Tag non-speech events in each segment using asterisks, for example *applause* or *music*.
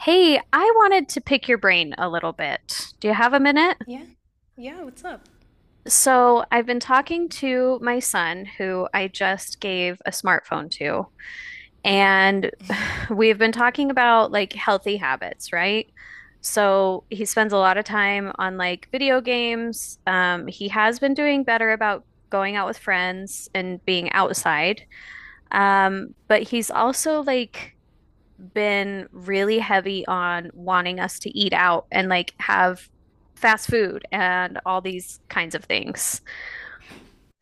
Hey, I wanted to pick your brain a little bit. Do you have a minute? Yeah. Yeah, what's up? So, I've been talking to my son, who I just gave a smartphone to, and we've been talking about like healthy habits, right? So, he spends a lot of time on like video games. He has been doing better about going out with friends and being outside. But he's also like been really heavy on wanting us to eat out and like have fast food and all these kinds of things.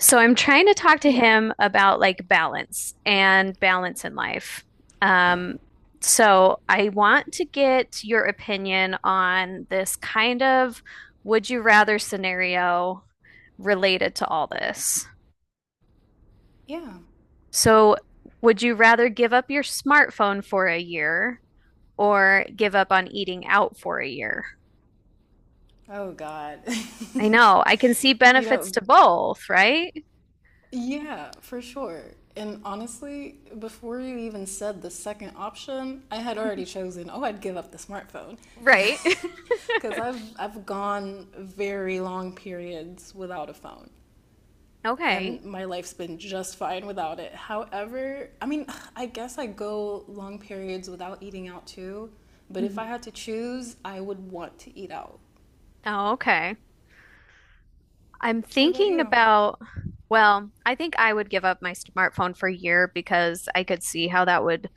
So I'm trying to talk to Yeah, him about like balance and balance in life. Um, so I want to get your opinion on this kind of would you rather scenario related to all this. yeah. So would you rather give up your smartphone for a year or give up on eating out for a year? Oh God. *laughs* I know. I can see You benefits know, to both, right? yeah, for sure. And honestly, before you even said the second option, I had already chosen, oh, I'd give up the smartphone. Right. *laughs* *laughs* Because I've gone very long periods without a phone, Okay. and my life's been just fine without it. However, I mean, I guess I go long periods without eating out too, but if I Mhm. had to choose, I would want to eat out. Oh, okay. I'm What about thinking you? about, well, I think I would give up my smartphone for a year because I could see how that would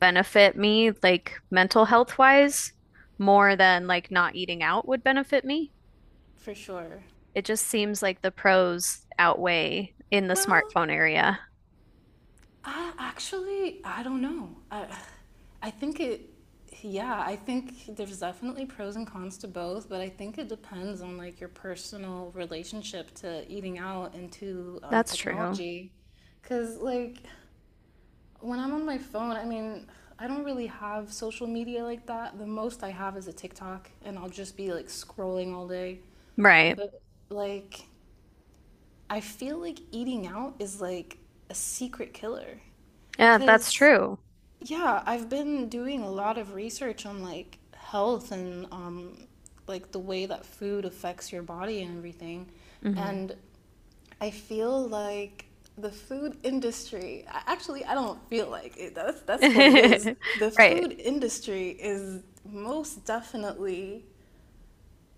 benefit me, like mental health wise, more than like not eating out would benefit me. For sure. It just seems like the pros outweigh in the Well, smartphone area. I actually I don't know. I think it yeah, I think there's definitely pros and cons to both, but I think it depends on like your personal relationship to eating out and to That's true. technology. Cause like when I'm on my phone, I mean, I don't really have social media like that. The most I have is a TikTok, and I'll just be like scrolling all day. Right. But like I feel like eating out is like a secret killer. Yeah, that's Because, true. yeah, I've been doing a lot of research on like health and like the way that food affects your body and everything. Hmm. And I feel like the food industry, I- actually, I don't feel like it. That's what it is. *laughs* The Right. food industry is most definitely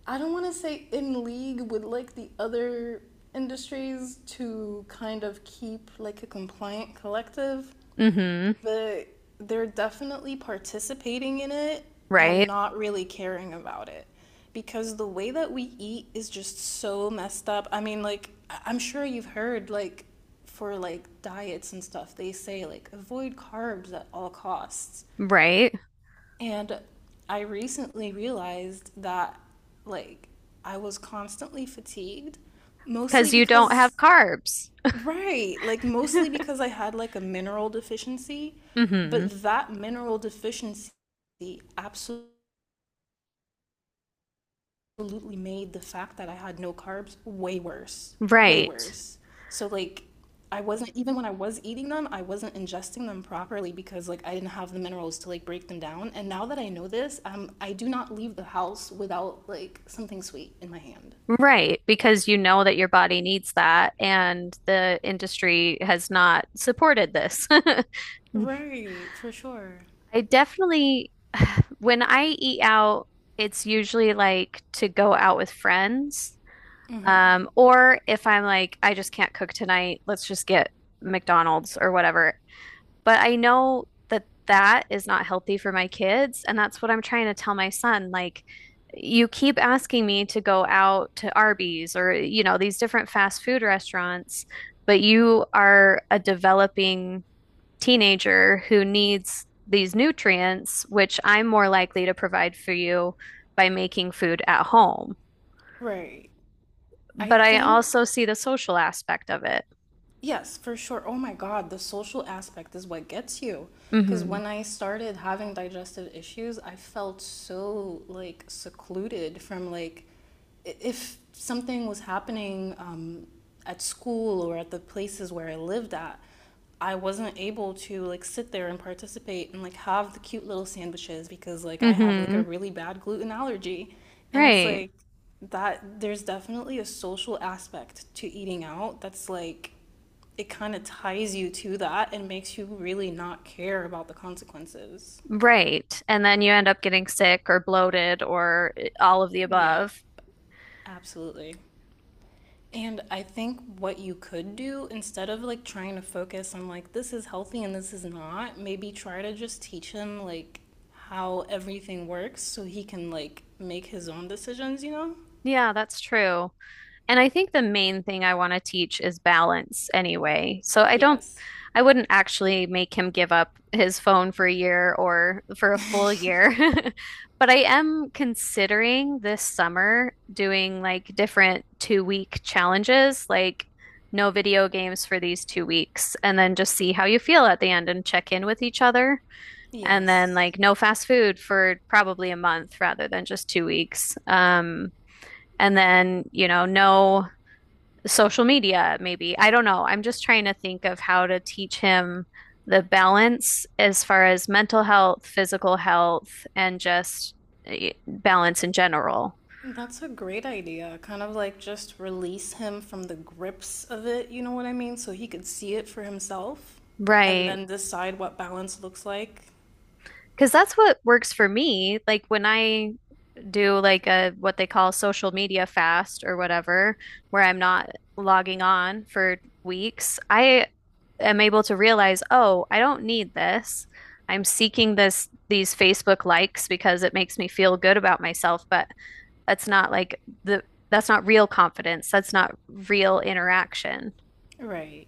I don't want to say in league with like the other industries to kind of keep like a compliant collective, Hmm. but they're definitely participating in it and Right. not really caring about it because the way that we eat is just so messed up. I mean, like am sure you've heard like for like diets and stuff, they say like avoid carbs at all costs. Right. And I recently realized that, like, I was constantly fatigued, mostly Because you don't because, have carbs. right, like, mostly *laughs* because I had, like, a mineral deficiency. Hmm. But that mineral deficiency absolutely absolutely made the fact that I had no carbs way worse, way Right. worse. So like I wasn't even when I was eating them, I wasn't ingesting them properly because like I didn't have the minerals to like break them down. And now that I know this, I do not leave the house without like something sweet in my hand. Right. Because you know that your body needs that, and the industry has not supported this. *laughs* Right, for sure. I definitely, when I eat out, it's usually like to go out with friends. Mm-hmm. Or if I'm like, I just can't cook tonight, let's just get McDonald's or whatever. But I know that that is not healthy for my kids. And that's what I'm trying to tell my son. Like, you keep asking me to go out to Arby's or, you know, these different fast food restaurants, but you are a developing teenager who needs these nutrients, which I'm more likely to provide for you by making food at home. Right. I But I also think see the social aspect of it. Yes, for sure. Oh my God, the social aspect is what gets you. Because Hmm. when I started having digestive issues, I felt so like secluded from if something was happening at school or at the places where I lived at, I wasn't able to like sit there and participate and like have the cute little sandwiches because like I have like a Hmm. really bad gluten allergy. And it's Right. like that there's definitely a social aspect to eating out that's like it kind of ties you to that and makes you really not care about the consequences. Right. And then you end up getting sick or bloated or all of the Yep, above. absolutely. And I think what you could do instead of like trying to focus on like this is healthy and this is not, maybe try to just teach him like how everything works so he can like make his own decisions, you know? Yeah, that's true. And I think the main thing I want to teach is balance anyway. Yes. I wouldn't actually make him give up his phone for a year or for a full year. *laughs* But I am considering this summer doing like different 2 week challenges, like no video games for these 2 weeks, and then just see how you feel at the end and check in with each other. And then Yes. like no fast food for probably a month rather than just 2 weeks. And then, you know, no social media, maybe. I don't know. I'm just trying to think of how to teach him the balance as far as mental health, physical health, and just balance in general. That's a great idea. Kind of like just release him from the grips of it, you know what I mean? So he could see it for himself and Right. then decide what balance looks like. Because that's what works for me. Like when I do like a what they call social media fast or whatever, where I'm not logging on for weeks, I am able to realize, oh, I don't need this. I'm seeking this these Facebook likes because it makes me feel good about myself, but that's not like the that's not real confidence. That's not real interaction. Right.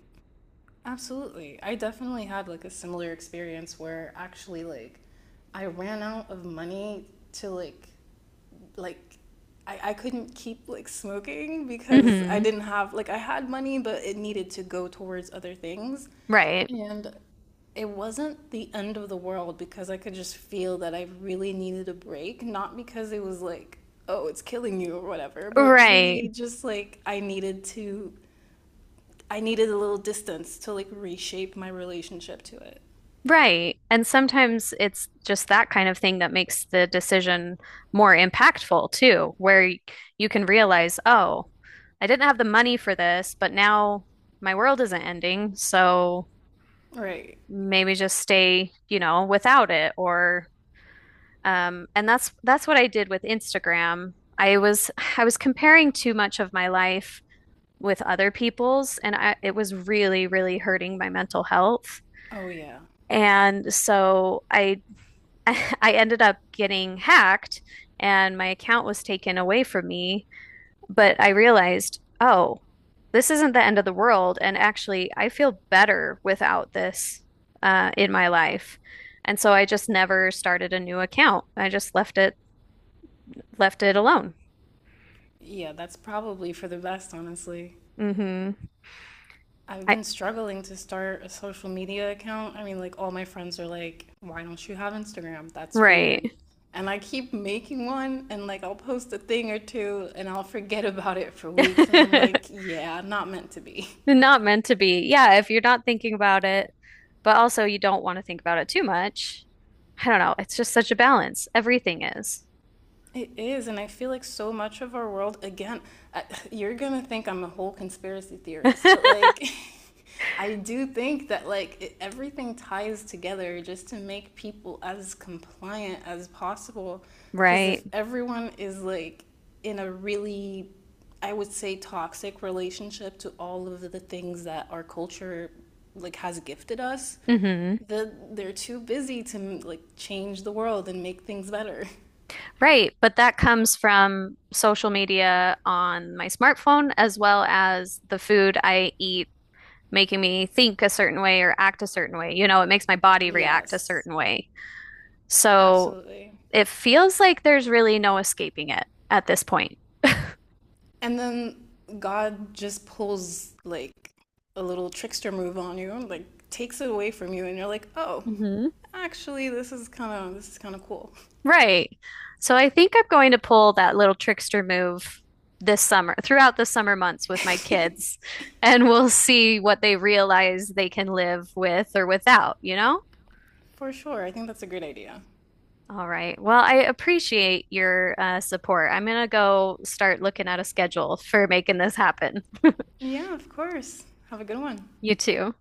Absolutely. I definitely had like a similar experience where actually like I ran out of money to like I couldn't keep like smoking because I Hmm. didn't have like I had money, but it needed to go towards other things. Right. And it wasn't the end of the world because I could just feel that I really needed a break, not because it was like, oh, it's killing you or whatever, but really Right. just like I needed a little distance to like reshape my relationship to it. Right. And sometimes it's just that kind of thing that makes the decision more impactful too, where you can realize, oh, I didn't have the money for this, but now my world isn't ending, so Right. maybe just stay, you know, without it or and that's what I did with Instagram. I was comparing too much of my life with other people's and it was really hurting my mental health. Oh yeah. And so I *laughs* I ended up getting hacked and my account was taken away from me but I realized, oh, this isn't the end of the world. And actually, I feel better without this in my life. And so I just never started a new account. I just left it alone. Yeah, that's probably for the best, honestly. Mm-hmm. I've I been struggling to start a social media account. I mean, like, all my friends are like, why don't you have Instagram? That's Right. weird. And I keep making one, and like, I'll post a thing or two, and I'll forget about it for weeks. And I'm like, *laughs* yeah, not meant to be. *laughs* Not meant to be. Yeah, if you're not thinking about it, but also you don't want to think about it too much. I don't know. It's just such a balance. Everything is. It is, and I feel like so much of our world, again, I, you're gonna think I'm a whole conspiracy theorist, but *laughs* like, *laughs* I do think that everything ties together just to make people as compliant as possible. Because Right. if everyone is like in a really, I would say, toxic relationship to all of the things that our culture like has gifted us, Hmm. They're too busy to like change the world and make things better. *laughs* Right, but that comes from social media on my smartphone as well as the food I eat making me think a certain way or act a certain way. You know, it makes my body react a Yes, certain way. So absolutely. it feels like there's really no escaping it at this point. *laughs* And then God just pulls like a little trickster move on you and like takes it away from you and you're like, "Oh, Hmm. actually this is kind of cool." Right. So I think I'm going to pull that little trickster move this summer, throughout the summer months with my kids, and we'll see what they realize they can live with or without, you know? For sure. I think that's a great idea. All right. Well, I appreciate your support. I'm gonna go start looking at a schedule for making this happen. Yeah, of course. Have a good one. You too.